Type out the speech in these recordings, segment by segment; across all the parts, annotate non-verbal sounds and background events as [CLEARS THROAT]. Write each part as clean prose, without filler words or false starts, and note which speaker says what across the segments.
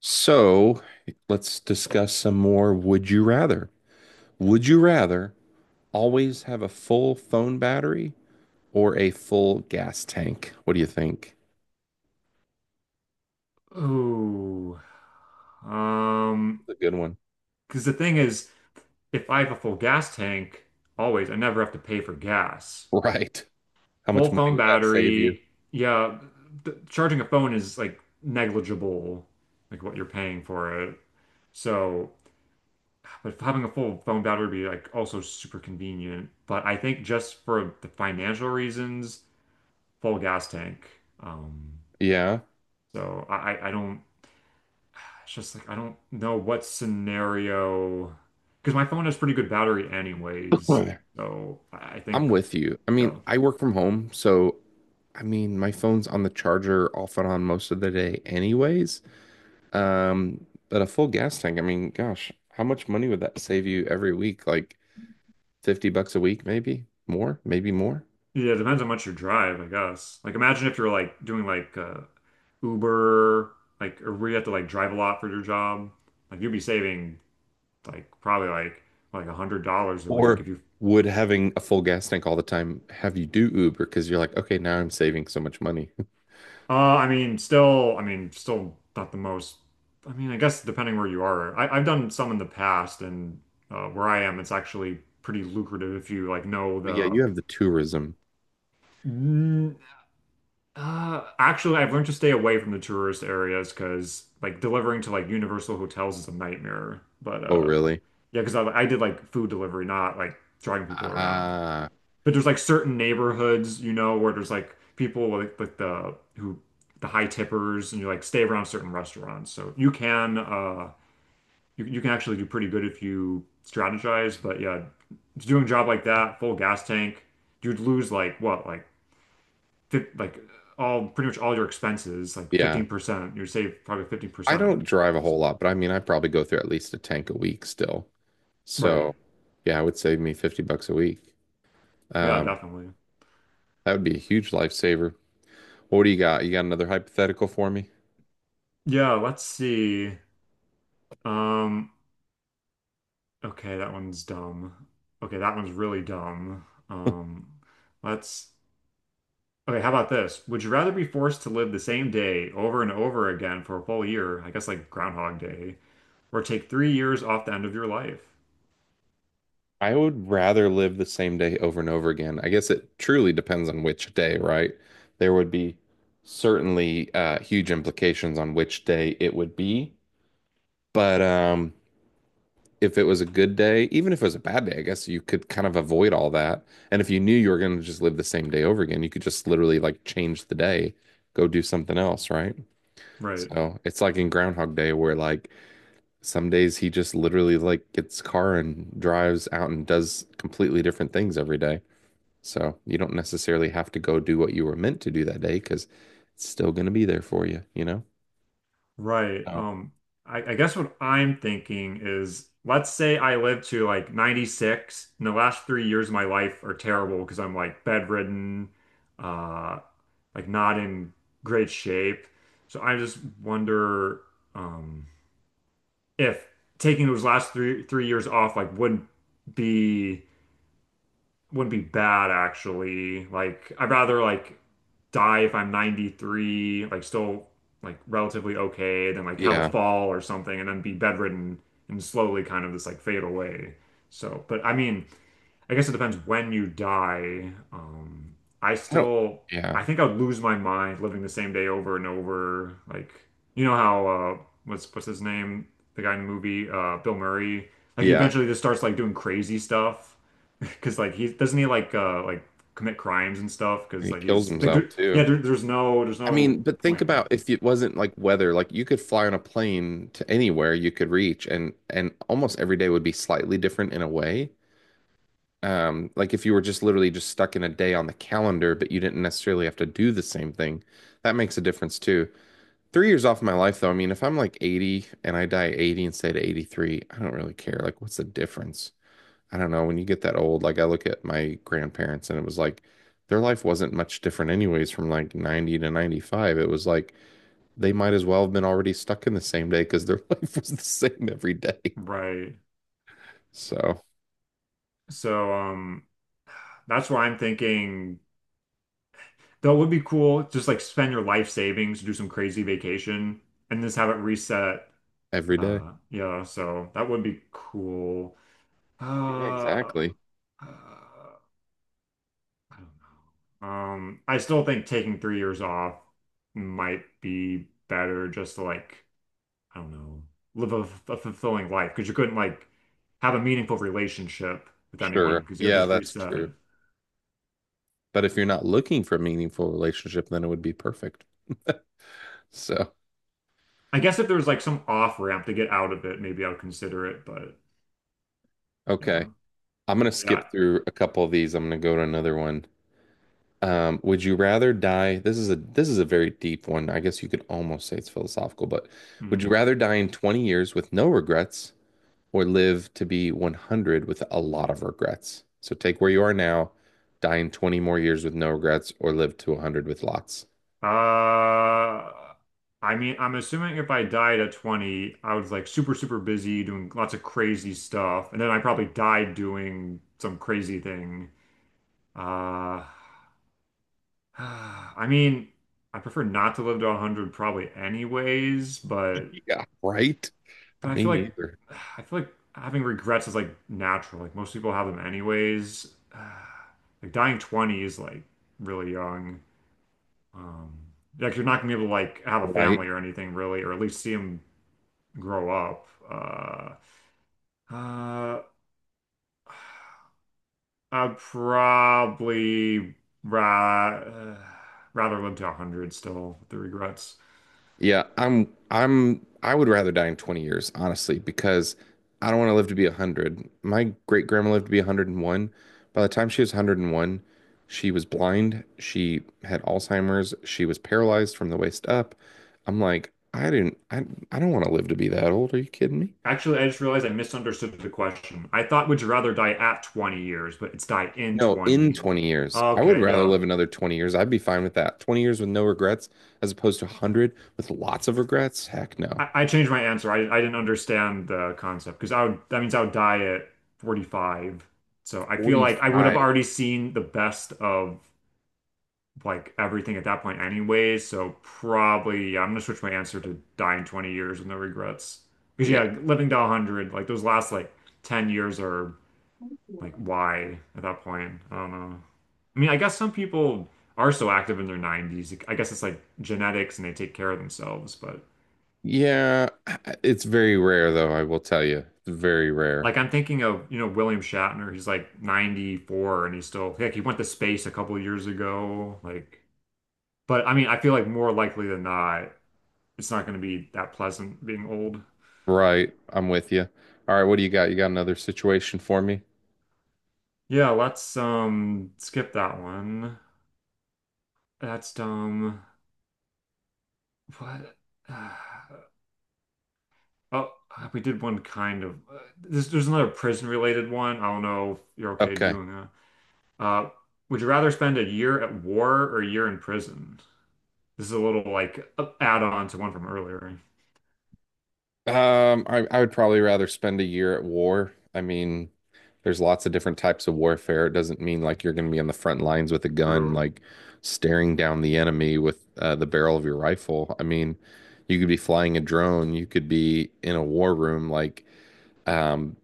Speaker 1: So let's discuss some more would you rather. Would you rather always have a full phone battery or a full gas tank? What do you think?
Speaker 2: Oh, um,
Speaker 1: That's a good one. [LAUGHS]
Speaker 2: because the thing is, if I have a full gas tank, always, I never have to pay for gas.
Speaker 1: Right. How much
Speaker 2: Full
Speaker 1: money
Speaker 2: phone
Speaker 1: would that save you?
Speaker 2: battery, yeah, th charging a phone is like negligible, like what you're paying for it. So, but having a full phone battery would be like also super convenient. But I think just for the financial reasons, full gas tank. Um,
Speaker 1: Yeah.
Speaker 2: so I don't. It's just like I don't know what scenario because my phone has pretty good battery
Speaker 1: [CLEARS THROAT]
Speaker 2: anyways.
Speaker 1: I'm
Speaker 2: So I think,
Speaker 1: with you. I
Speaker 2: you
Speaker 1: mean,
Speaker 2: know,
Speaker 1: I work from home, so I mean, my phone's on the charger off and on most of the day anyways. But a full gas tank, I mean, gosh, how much money would that save you every week? Like $50 a week, maybe more, maybe more?
Speaker 2: yeah, it depends how much you drive, I guess. Like imagine if you're like doing like Uber, like or where you have to like drive a lot for your job. Like you'd be saving like probably like $100 a week
Speaker 1: Or
Speaker 2: if you.
Speaker 1: would having a full gas tank all the time have you do Uber because you're like, okay, now I'm saving so much money? [LAUGHS]
Speaker 2: Uh, I mean, still not the most. I mean, I guess depending where you are, I've done some in the past, and where I am, it's actually pretty lucrative if you like know
Speaker 1: Well, yeah,
Speaker 2: the.
Speaker 1: you have the tourism.
Speaker 2: Mm. Actually, I've learned to stay away from the tourist areas because like delivering to like Universal hotels is a nightmare. But
Speaker 1: Oh, really?
Speaker 2: yeah, because I did like food delivery, not like driving people around.
Speaker 1: Ah,
Speaker 2: But there's like certain neighborhoods, where there's like people like the high tippers, and you like stay around certain restaurants. So you can you can actually do pretty good if you strategize. But yeah, doing a job like that, full gas tank, you'd lose like what like fif like all pretty much all your expenses, like
Speaker 1: yeah.
Speaker 2: 15%. You'd save probably
Speaker 1: I
Speaker 2: 15%.
Speaker 1: don't drive a whole
Speaker 2: So
Speaker 1: lot, but I mean, I probably go through at least a tank a week still.
Speaker 2: right,
Speaker 1: So, yeah, it would save me $50 a week.
Speaker 2: yeah,
Speaker 1: Um,
Speaker 2: definitely.
Speaker 1: that would be a huge lifesaver. What do you got? You got another hypothetical for me?
Speaker 2: Yeah, let's see. Um. Okay, that one's dumb. Okay, that one's really dumb. Um, let's. Okay, how about this? Would you rather be forced to live the same day over and over again for a full year, I guess like Groundhog Day, or take 3 years off the end of your life?
Speaker 1: I would rather live the same day over and over again. I guess it truly depends on which day, right? There would be certainly huge implications on which day it would be. But if it was a good day, even if it was a bad day, I guess you could kind of avoid all that. And if you knew you were going to just live the same day over again, you could just literally like change the day, go do something else, right?
Speaker 2: Right,
Speaker 1: So it's like in Groundhog Day where like some days he just literally like gets a car and drives out and does completely different things every day. So you don't necessarily have to go do what you were meant to do that day because it's still going to be there for you, you know?
Speaker 2: right.
Speaker 1: Oh,
Speaker 2: I guess what I'm thinking is, let's say I live to like 96, and the last 3 years of my life are terrible because I'm like bedridden. Uh, like not in great shape. So I just wonder um, if taking those last three years off like be wouldn't be bad actually. Like I'd rather like die if I'm 93, like still like relatively okay, than like have a
Speaker 1: yeah.
Speaker 2: fall or something and then be bedridden and slowly kind of this like fade away. So, but I mean, I guess it depends when you die. I
Speaker 1: I don't,
Speaker 2: still,
Speaker 1: yeah.
Speaker 2: I think I'd lose my mind living the same day over and over. Like, you know how what's his name? The guy in the movie, Bill Murray. Like, he
Speaker 1: Yeah.
Speaker 2: eventually just starts like doing crazy stuff [LAUGHS] because like he doesn't he like commit crimes and stuff
Speaker 1: And
Speaker 2: because
Speaker 1: he
Speaker 2: like
Speaker 1: kills
Speaker 2: he's like
Speaker 1: himself
Speaker 2: there, yeah,
Speaker 1: too.
Speaker 2: there, there's no there's
Speaker 1: I
Speaker 2: no
Speaker 1: mean, but think
Speaker 2: point.
Speaker 1: about if it wasn't like weather, like you could fly on a plane to anywhere you could reach and almost every day would be slightly different in a way. Like if you were just literally just stuck in a day on the calendar, but you didn't necessarily have to do the same thing, that makes a difference too. 3 years off of my life, though. I mean, if I'm like 80 and I die at 80 instead of 83, I don't really care. Like, what's the difference? I don't know. When you get that old, like I look at my grandparents and it was like their life wasn't much different, anyways, from like 90 to 95. It was like they might as well have been already stuck in the same day because their [LAUGHS] life was the same every day.
Speaker 2: Right,
Speaker 1: So,
Speaker 2: so that's why I'm thinking. That would be cool. Just like spend your life savings, do some crazy vacation, and just have it reset.
Speaker 1: every day.
Speaker 2: Yeah, so that would be cool. Uh,
Speaker 1: Yeah, exactly.
Speaker 2: I don't know. I still think taking 3 years off might be better just to like, I don't know, live a fulfilling life because you couldn't like have a meaningful relationship with anyone
Speaker 1: Sure.
Speaker 2: because it would
Speaker 1: Yeah,
Speaker 2: just
Speaker 1: that's
Speaker 2: reset.
Speaker 1: true. But if you're not looking for a meaningful relationship, then it would be perfect. So,
Speaker 2: I guess if there was like some off ramp to get out of it, maybe I would consider it, but
Speaker 1: okay.
Speaker 2: yeah.
Speaker 1: I'm gonna
Speaker 2: Yeah.
Speaker 1: skip through a couple of these. I'm gonna go to another one. Would you rather die? This is a very deep one. I guess you could almost say it's philosophical, but would you
Speaker 2: Hmm.
Speaker 1: rather die in 20 years with no regrets or live to be 100 with a lot of regrets? So take where you are now, die in 20 more years with no regrets, or live to 100 with lots.
Speaker 2: Uh, I mean, I'm assuming if I died at 20, I was like super, super busy doing lots of crazy stuff, and then I probably died doing some crazy thing. Uh, [SIGHS] I mean, I prefer not to live to 100 probably anyways, but
Speaker 1: Yeah, right? I
Speaker 2: I feel
Speaker 1: mean,
Speaker 2: like
Speaker 1: either,
Speaker 2: [SIGHS] I feel like having regrets is like natural. Like most people have them anyways. [SIGHS] Like dying 20 is like really young. Um, like you're not gonna be able to like have a
Speaker 1: right?
Speaker 2: family or anything really, or at least see them grow up. Uh, I'd probably ra rather live to 100 still with the regrets.
Speaker 1: Yeah, I would rather die in 20 years, honestly, because I don't want to live to be 100. My great grandma lived to be 101. By the time she was 101, she was blind, she had Alzheimer's, she was paralyzed from the waist up. I'm like, I didn't I don't want to live to be that old. Are you kidding me?
Speaker 2: Actually, I just realized I misunderstood the question. I thought would you rather die at 20 years, but it's die in
Speaker 1: No, in
Speaker 2: 20.
Speaker 1: 20 years. I would
Speaker 2: Okay,
Speaker 1: rather
Speaker 2: yeah.
Speaker 1: live another 20 years. I'd be fine with that. 20 years with no regrets as opposed to 100 with lots of regrets. Heck no.
Speaker 2: I changed my answer. I didn't understand the concept because I would that means I would die at 45. So I feel like I would have
Speaker 1: 45.
Speaker 2: already seen the best of like everything at that point anyways. So probably yeah, I'm gonna switch my answer to die in 20 years with no regrets. Because
Speaker 1: Yeah.
Speaker 2: yeah, living to 100, like those last like 10 years are like why at that point? I don't know. I mean, I guess some people are so active in their 90s. I guess it's like genetics and they take care of themselves, but
Speaker 1: Yeah, it's very rare though, I will tell you. It's very rare.
Speaker 2: like I'm thinking of, William Shatner. He's like 94 and he's still like he went to space a couple of years ago. Like, but I mean, I feel like more likely than not, it's not going to be that pleasant being old.
Speaker 1: Right, I'm with you. All right, what do you got? You got another situation for me?
Speaker 2: Yeah, let's skip that one. That's dumb. What? [SIGHS] Oh, we did one kind of. There's another prison related one. I don't know if you're okay
Speaker 1: Okay.
Speaker 2: doing that. Uh, would you rather spend a year at war or a year in prison? This is a little like add-on to one from earlier.
Speaker 1: I would probably rather spend a year at war. I mean, there's lots of different types of warfare. It doesn't mean like you're going to be on the front lines with a gun,
Speaker 2: True.
Speaker 1: like staring down the enemy with the barrel of your rifle. I mean, you could be flying a drone, you could be in a war room, like Um,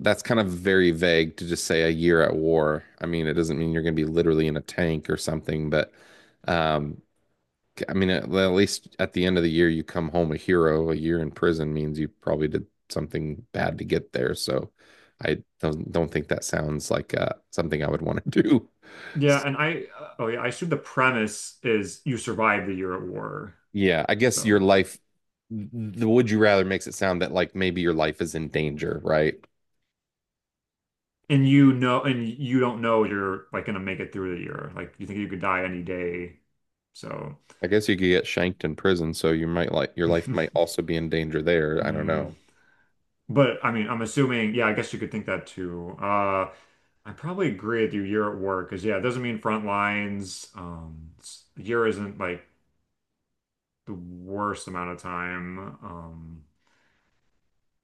Speaker 1: that's kind of very vague to just say a year at war. I mean, it doesn't mean you're going to be literally in a tank or something, but um, I mean, at least at the end of the year, you come home a hero. A year in prison means you probably did something bad to get there. So I don't think that sounds like something I would want to do. [LAUGHS] So,
Speaker 2: Yeah, and I oh yeah, I assume the premise is you survive the year at war.
Speaker 1: yeah, I guess your
Speaker 2: So
Speaker 1: life, the would you rather makes it sound that like maybe your life is in danger, right?
Speaker 2: and you don't know you're like gonna make it through the year. Like you think you could die any day. So
Speaker 1: I guess you could get shanked in prison, so you might like your life might
Speaker 2: [LAUGHS]
Speaker 1: also be in danger there. I don't
Speaker 2: mm.
Speaker 1: know.
Speaker 2: But I mean I'm assuming yeah, I guess you could think that too. I probably agree with you year at war because yeah, it doesn't mean front lines. Year isn't like the worst amount of time.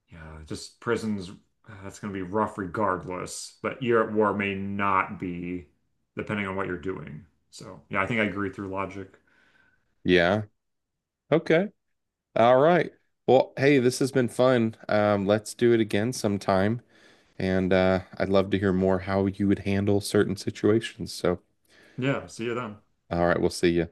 Speaker 2: Yeah, just prisons, that's going to be rough regardless, but year at war may not be, depending on what you're doing. So, yeah, I think I agree through logic.
Speaker 1: Yeah. Okay. All right. Well, hey, this has been fun. Let's do it again sometime. And I'd love to hear more how you would handle certain situations. So,
Speaker 2: Yeah, see you then.
Speaker 1: all right, we'll see you.